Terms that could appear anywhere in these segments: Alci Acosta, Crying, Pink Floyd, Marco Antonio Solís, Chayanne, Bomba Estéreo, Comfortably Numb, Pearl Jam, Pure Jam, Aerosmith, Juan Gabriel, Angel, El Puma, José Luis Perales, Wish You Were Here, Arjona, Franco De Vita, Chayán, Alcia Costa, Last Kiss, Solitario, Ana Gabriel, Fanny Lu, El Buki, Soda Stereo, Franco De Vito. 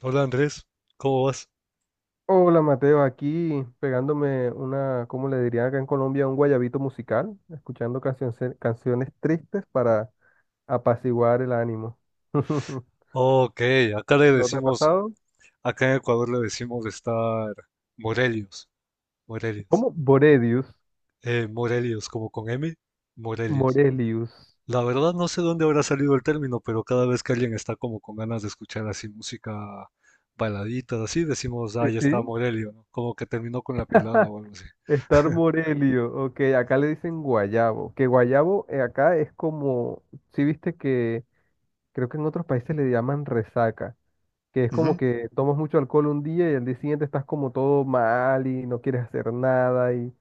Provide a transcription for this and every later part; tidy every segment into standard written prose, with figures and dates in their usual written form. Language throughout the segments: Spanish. Hola Andrés, ¿cómo vas? Hola Mateo, aquí pegándome una, ¿cómo le dirían acá en Colombia? Un guayabito musical, escuchando canciones, canciones tristes para apaciguar el ánimo. Ok, acá le ¿No te ha decimos, pasado? acá en Ecuador le decimos estar Morelios, Morelios, ¿Cómo? Borelius, Morelios, como con M, Morelios. Morelius. La verdad no sé dónde habrá salido el término, pero cada vez que alguien está como con ganas de escuchar así música baladita, así decimos, Sí, ah, ya está sí. Morelio, ¿no? Como que terminó con la pelada o algo así. Estar Morelio, ok, acá le dicen guayabo, que guayabo acá es como, si viste que creo que en otros países le llaman resaca, que es como Ujú. que tomas mucho alcohol un día y al día siguiente estás como todo mal y no quieres hacer nada y,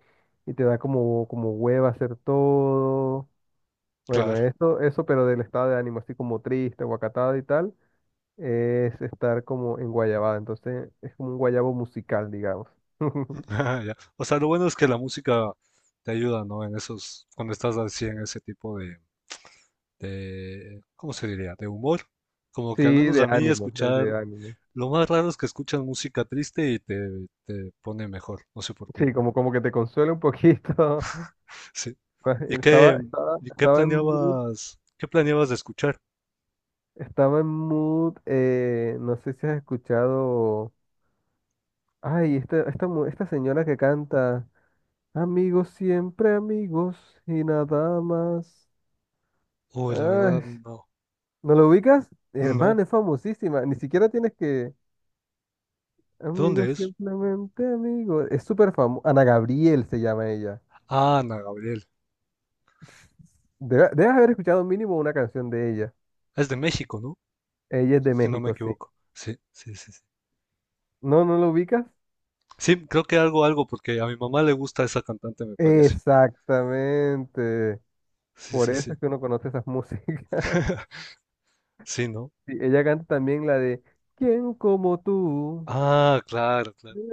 y te da como, como hueva hacer todo. Bueno, Claro, eso, pero del estado de ánimo, así como triste, guacatado y tal, es estar como en guayabada. Entonces es como un guayabo musical, digamos. ah, ya. O sea, lo bueno es que la música te ayuda, ¿no? En esos, cuando estás así en ese tipo de, ¿cómo se diría? De humor. Como Sí, que al menos de a mí ánimo, escuchar, de ánimo. lo más raro es que escuchas música triste y te pone mejor, no sé por qué. Sí, como, como que te consuela un poquito. Sí. Pues, ¿Y Estaba, qué, estaba, y estaba en mood, qué planeabas de escuchar? estaba en mood, no sé si has escuchado. Ay, esta señora que canta, amigos siempre amigos y nada más. Uy, la verdad, Ay, no, ¿no lo ubicas? no. Hermana, es famosísima. Ni siquiera tienes que... ¿De dónde Amigos es? simplemente amigos. Es súper famosa. Ana Gabriel se llama ella. Ah, Ana Gabriel. Debes haber escuchado mínimo una canción de ella. Es de México, ¿no? Ella es de Si no me México, sí. equivoco. Sí, sí, sí, sí. ¿No, no lo ubicas? Sí, creo que algo, algo, porque a mi mamá le gusta esa cantante, me parece. Exactamente. Sí, Por sí, eso sí. es que uno conoce esas músicas. Sí, ¿no? Sí, ella canta también la de ¿Quién como tú? Ah, claro, claro.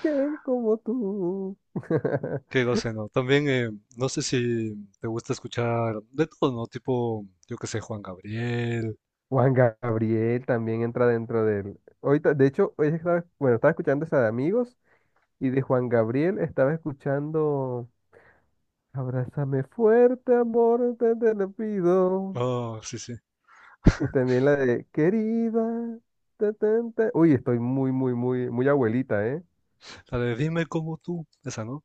¿Quién como tú? Qué no también, no sé si te gusta escuchar de todo, ¿no? Tipo, yo qué sé, Juan Gabriel. Juan Gabriel también entra dentro del... Ahorita, de hecho, hoy estaba, bueno, estaba escuchando esa de Amigos y de Juan Gabriel estaba escuchando Abrázame fuerte, amor, te lo pido. Oh, sí, sí. Y también la de Querida. Ta, ta, ta. Uy, estoy muy, muy, muy, muy abuelita, ¿eh? La de Dime cómo tú, esa, ¿no?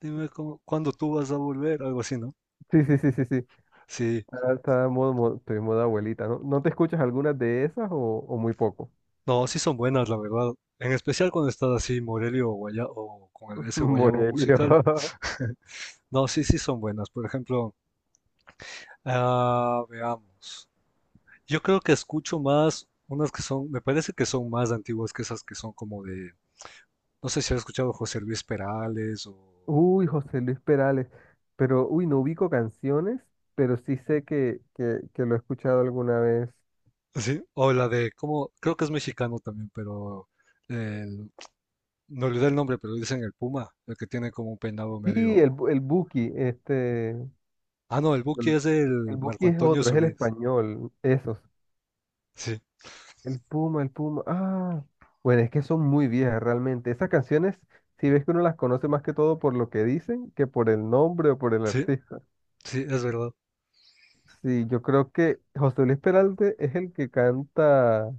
Dime cómo, cuándo tú vas a volver, algo así, ¿no? Sí, sí, sí, sí, sí. Sí. Ahora está estoy en modo abuelita, ¿no? ¿No te escuchas algunas de esas o muy poco? No, sí son buenas, la verdad. En especial cuando estás así, Morelio o ese guayabo Morelio. musical. No, sí, sí son buenas. Por ejemplo, ah, veamos. Yo creo que escucho más unas que son, me parece que son más antiguas que esas que son como de. No sé si has escuchado José Luis Perales o Uy, José Luis Perales, pero uy, no ubico canciones, pero sí sé que, que lo he escuchado alguna vez. así, o la de cómo, creo que es mexicano también, pero el- me olvidé el nombre, pero dicen el Puma, el que tiene como un peinado Sí, el, medio. El Buki, este, Ah, no, el Buki Mm. es El el Marco Buki es Antonio otro, es el Solís. español, esos. Sí, El Puma, ah, bueno, es que son muy viejas realmente. Esas canciones, si ves que uno las conoce más que todo por lo que dicen que por el nombre o por el sí, artista. sí, es verdad. Sí, yo creo que José Luis Peralte es el que canta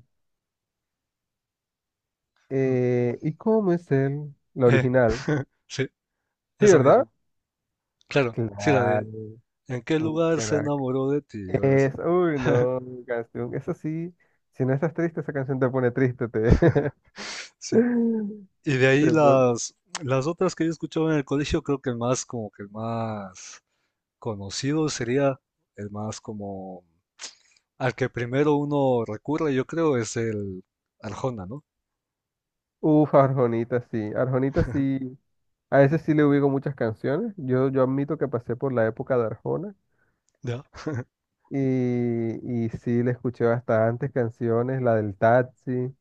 Mm, ¿Y cómo es él? La Eh, original. sí, Sí, eso ¿verdad? mismo. Claro, sí, la Claro, de ¿en qué un lugar se crack. enamoró de ti? O algo así, Es, ¿no? uy, no, canción. Eso sí, si no estás triste, esa canción te pone triste, te, Sí. Y de ahí te pone. Las otras que yo escuchaba en el colegio, creo que el más conocido sería el más como al que primero uno recurre, yo creo, es el Arjona, ¿no? Uf, Arjonita, sí. Arjonita, sí. A ese sí le ubico muchas canciones. Yo admito que pasé por la época de Arjona Ya. Y sí le escuché bastantes canciones, la del taxi.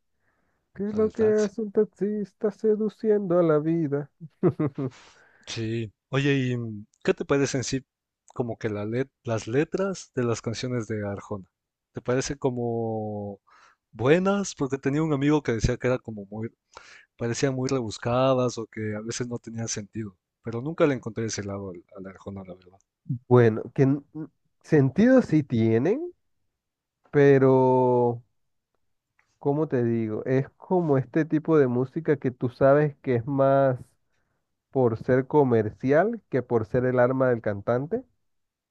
¿Qué es Al lo del que taxi. hace un taxista seduciendo a la vida? Sí. Oye, ¿y qué te parece en sí como que las letras de las canciones de Arjona? ¿Te parece como buenas? Porque tenía un amigo que decía que era como muy, parecían muy rebuscadas o que a veces no tenían sentido, pero nunca le encontré ese lado al Arjona, la verdad. Bueno, sentido sí tienen. Pero, ¿cómo te digo? Es como este tipo de música que tú sabes que es más por ser comercial que por ser el arma del cantante,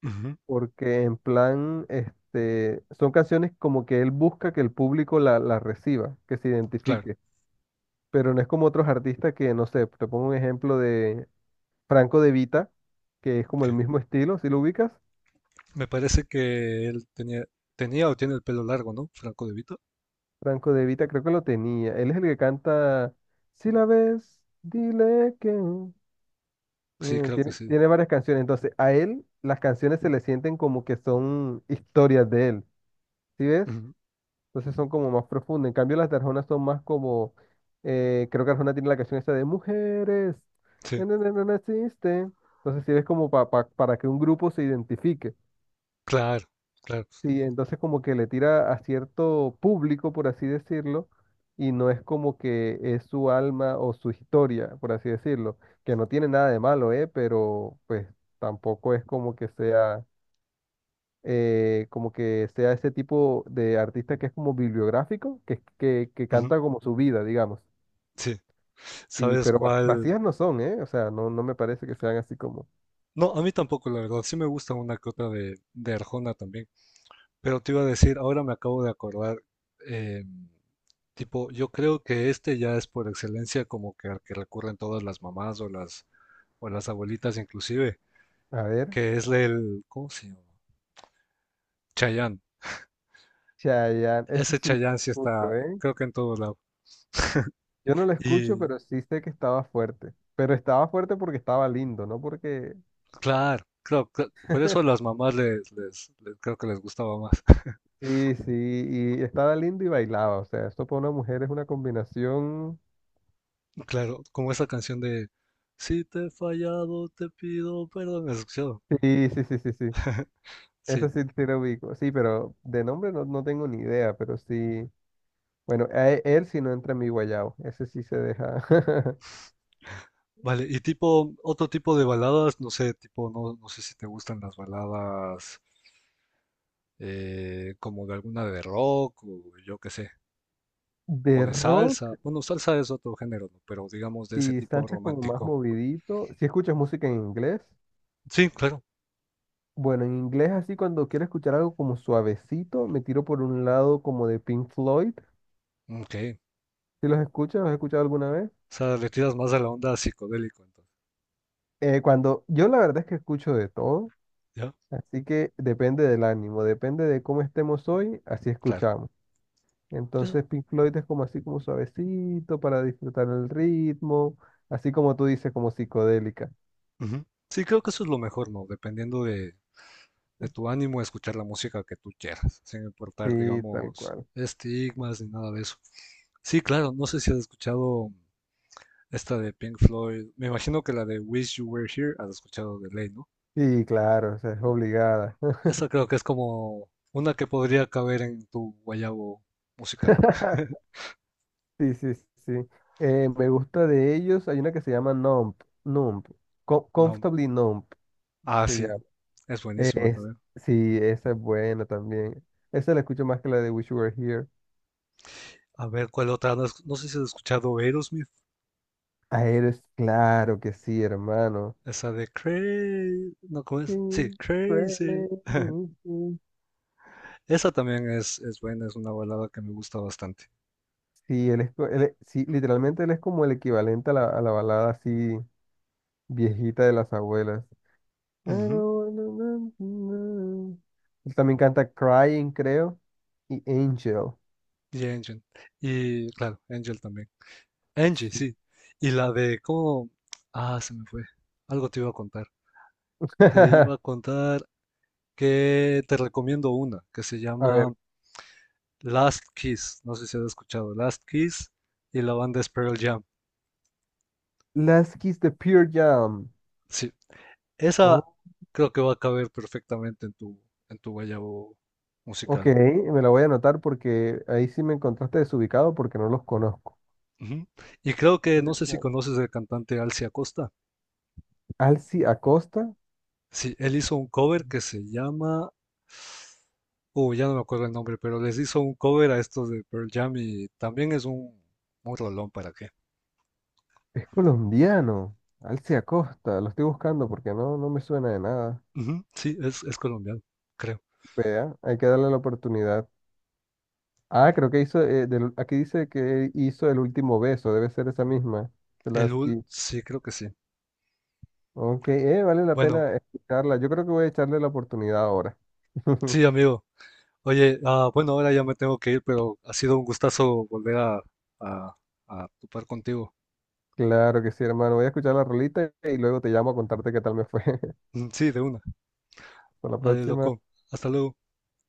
Ujú, porque en plan, este, son canciones como que él busca que el público la reciba, que se claro. identifique, pero no es como otros artistas que, no sé, te pongo un ejemplo de Franco De Vita, que es como Ok. el mismo estilo, si lo ubicas, Me parece que tenía o tiene el pelo largo, ¿no? Franco De Vito. Franco De Vita creo que lo tenía, él es el que canta, si la ves, dile que... Sí, Mm, creo que sí. tiene varias canciones, entonces a él las canciones se le sienten como que son historias de él, ¿sí ves? Ujú, Entonces son como más profundas. En cambio las de Arjona son más como, creo que Arjona tiene la canción esta de mujeres, sí, no existe. Entonces sí ves como para que un grupo se identifique. claro, claro. Sí, entonces como que le tira a cierto público, por así decirlo, y no es como que es su alma o su historia, por así decirlo, que no tiene nada de malo, ¿eh? Pero pues tampoco es como que sea ese tipo de artista que es como bibliográfico, que Ujú, canta como su vida, digamos. sí. Sí, ¿Sabes pero cuál? vacías no son, ¿eh? O sea, no, no me parece que sean así como, No, a mí tampoco, la verdad. Sí me gusta una que otra de Arjona también. Pero te iba a decir, ahora me acabo de acordar, eh, tipo, yo creo que este ya es por excelencia como que al que recurren todas las mamás o las abuelitas inclusive, a ver, que es el, ¿cómo se llama? Chayán. Chayanne, ese Ese sí no lo Chayán sí está, escucho, ¿eh? creo que en todo lado. Yo no lo escucho, Y pero sí sé que estaba fuerte. Pero estaba fuerte porque estaba lindo, no porque... por eso a las mamás creo que les gustaba más. Sí, sí, y estaba lindo y bailaba. O sea, esto para una mujer es una combinación... Claro, como esa canción de si te he fallado, te pido perdón. ¿Has escuchado? Sí, sí, sí, sí, sí. Sí. Eso sí, sí lo ubico. Sí, pero de nombre no, no tengo ni idea, pero sí... Bueno, a él sí no entra en mi guayabo. Ese sí se deja. Vale, y tipo, otro tipo de baladas, no sé, tipo, no sé si te gustan las baladas como de alguna de rock o yo qué sé, o De de salsa. rock, Bueno, salsa es otro género, ¿no? Pero digamos de ese si tipo saltas como más romántico. movidito, si escuchas música en inglés, Sí, claro. bueno, en inglés así cuando quiero escuchar algo como suavecito, me tiro por un lado como de Pink Floyd. Ok. Si los escuchas, ¿los has escuchado alguna vez? O sea, le tiras más a la onda psicodélico, entonces. Cuando yo la verdad es que escucho de todo, ¿Ya? así que depende del ánimo, depende de cómo estemos hoy, así Claro. escuchamos. Eso- Entonces Pink Floyd es como así como suavecito para disfrutar el ritmo, así como tú dices, como psicodélica. Ujú. Sí, creo que eso es lo mejor, ¿no? Dependiendo de tu ánimo, escuchar la música que tú quieras, sin importar, Sí, tal digamos, cual. estigmas ni nada de eso. Sí, claro, no sé si has escuchado esta de Pink Floyd. Me imagino que la de Wish You Were Here has escuchado de ley, ¿no? Sí, claro, o sea, es obligada. Esa creo que es como una que podría caber en tu guayabo musical. Sí, sí, sí, sí. Me gusta de ellos. Hay una que se llama Nump. Nump. No. Comfortably Numb Ah, se sí, llama. es buenísima Es, también. sí, esa es buena también. Esa la escucho más que la de Wish You Were Here. A ver, ¿cuál otra? No, no sé si has escuchado Aerosmith. A eres claro que sí, hermano. Esa de Crazy. No, ¿cómo es? Sí, Sí, Crazy. crazy. Esa también es buena, es una balada que me gusta bastante. Sí, él es, él sí, literalmente él es como el equivalente a la balada así viejita de las abuelas. I Ujú. don't wanna- Él también canta Crying, creo, y Angel. Y Angel. Y claro, Angel también. Angie, Sí. sí. Y la de cómo... Ah, se me fue. Algo te iba a contar. Te iba a contar que te recomiendo una que se A ver, llama Last Kiss. No sé si has escuchado. Last Kiss y la banda es Pearl Jam. Last Kiss de Pure Jam. Sí. Esa Oh, creo que va a caber perfectamente en en tu guayabo ok, musical. me la voy a anotar porque ahí sí me encontraste desubicado porque no los conozco. Ujú. Y creo que no sé si conoces al cantante Alcia Costa. Alci Acosta Sí, él hizo un cover que se llama... ya no me acuerdo el nombre, pero les hizo un cover a estos de Pearl Jam y también es un rolón para qué. es colombiano. Alci Acosta, lo estoy buscando porque no, no me suena de nada. Ujú, sí, es colombiano, creo. Vea, hay que darle la oportunidad. Ah, creo que hizo, aquí dice que hizo el último beso, debe ser esa misma, de El Last UL, Kiss. sí, creo que sí. Ok, vale la Bueno, pena escucharla. Yo creo que voy a echarle la oportunidad ahora. sí, amigo. Oye, bueno, ahora ya me tengo que ir, pero ha sido un gustazo volver a, a topar contigo. Claro que sí, hermano. Voy a escuchar la rolita y luego te llamo a contarte qué tal me fue. Mm, sí, de una. Hasta la Vale, próxima. loco. Hasta luego.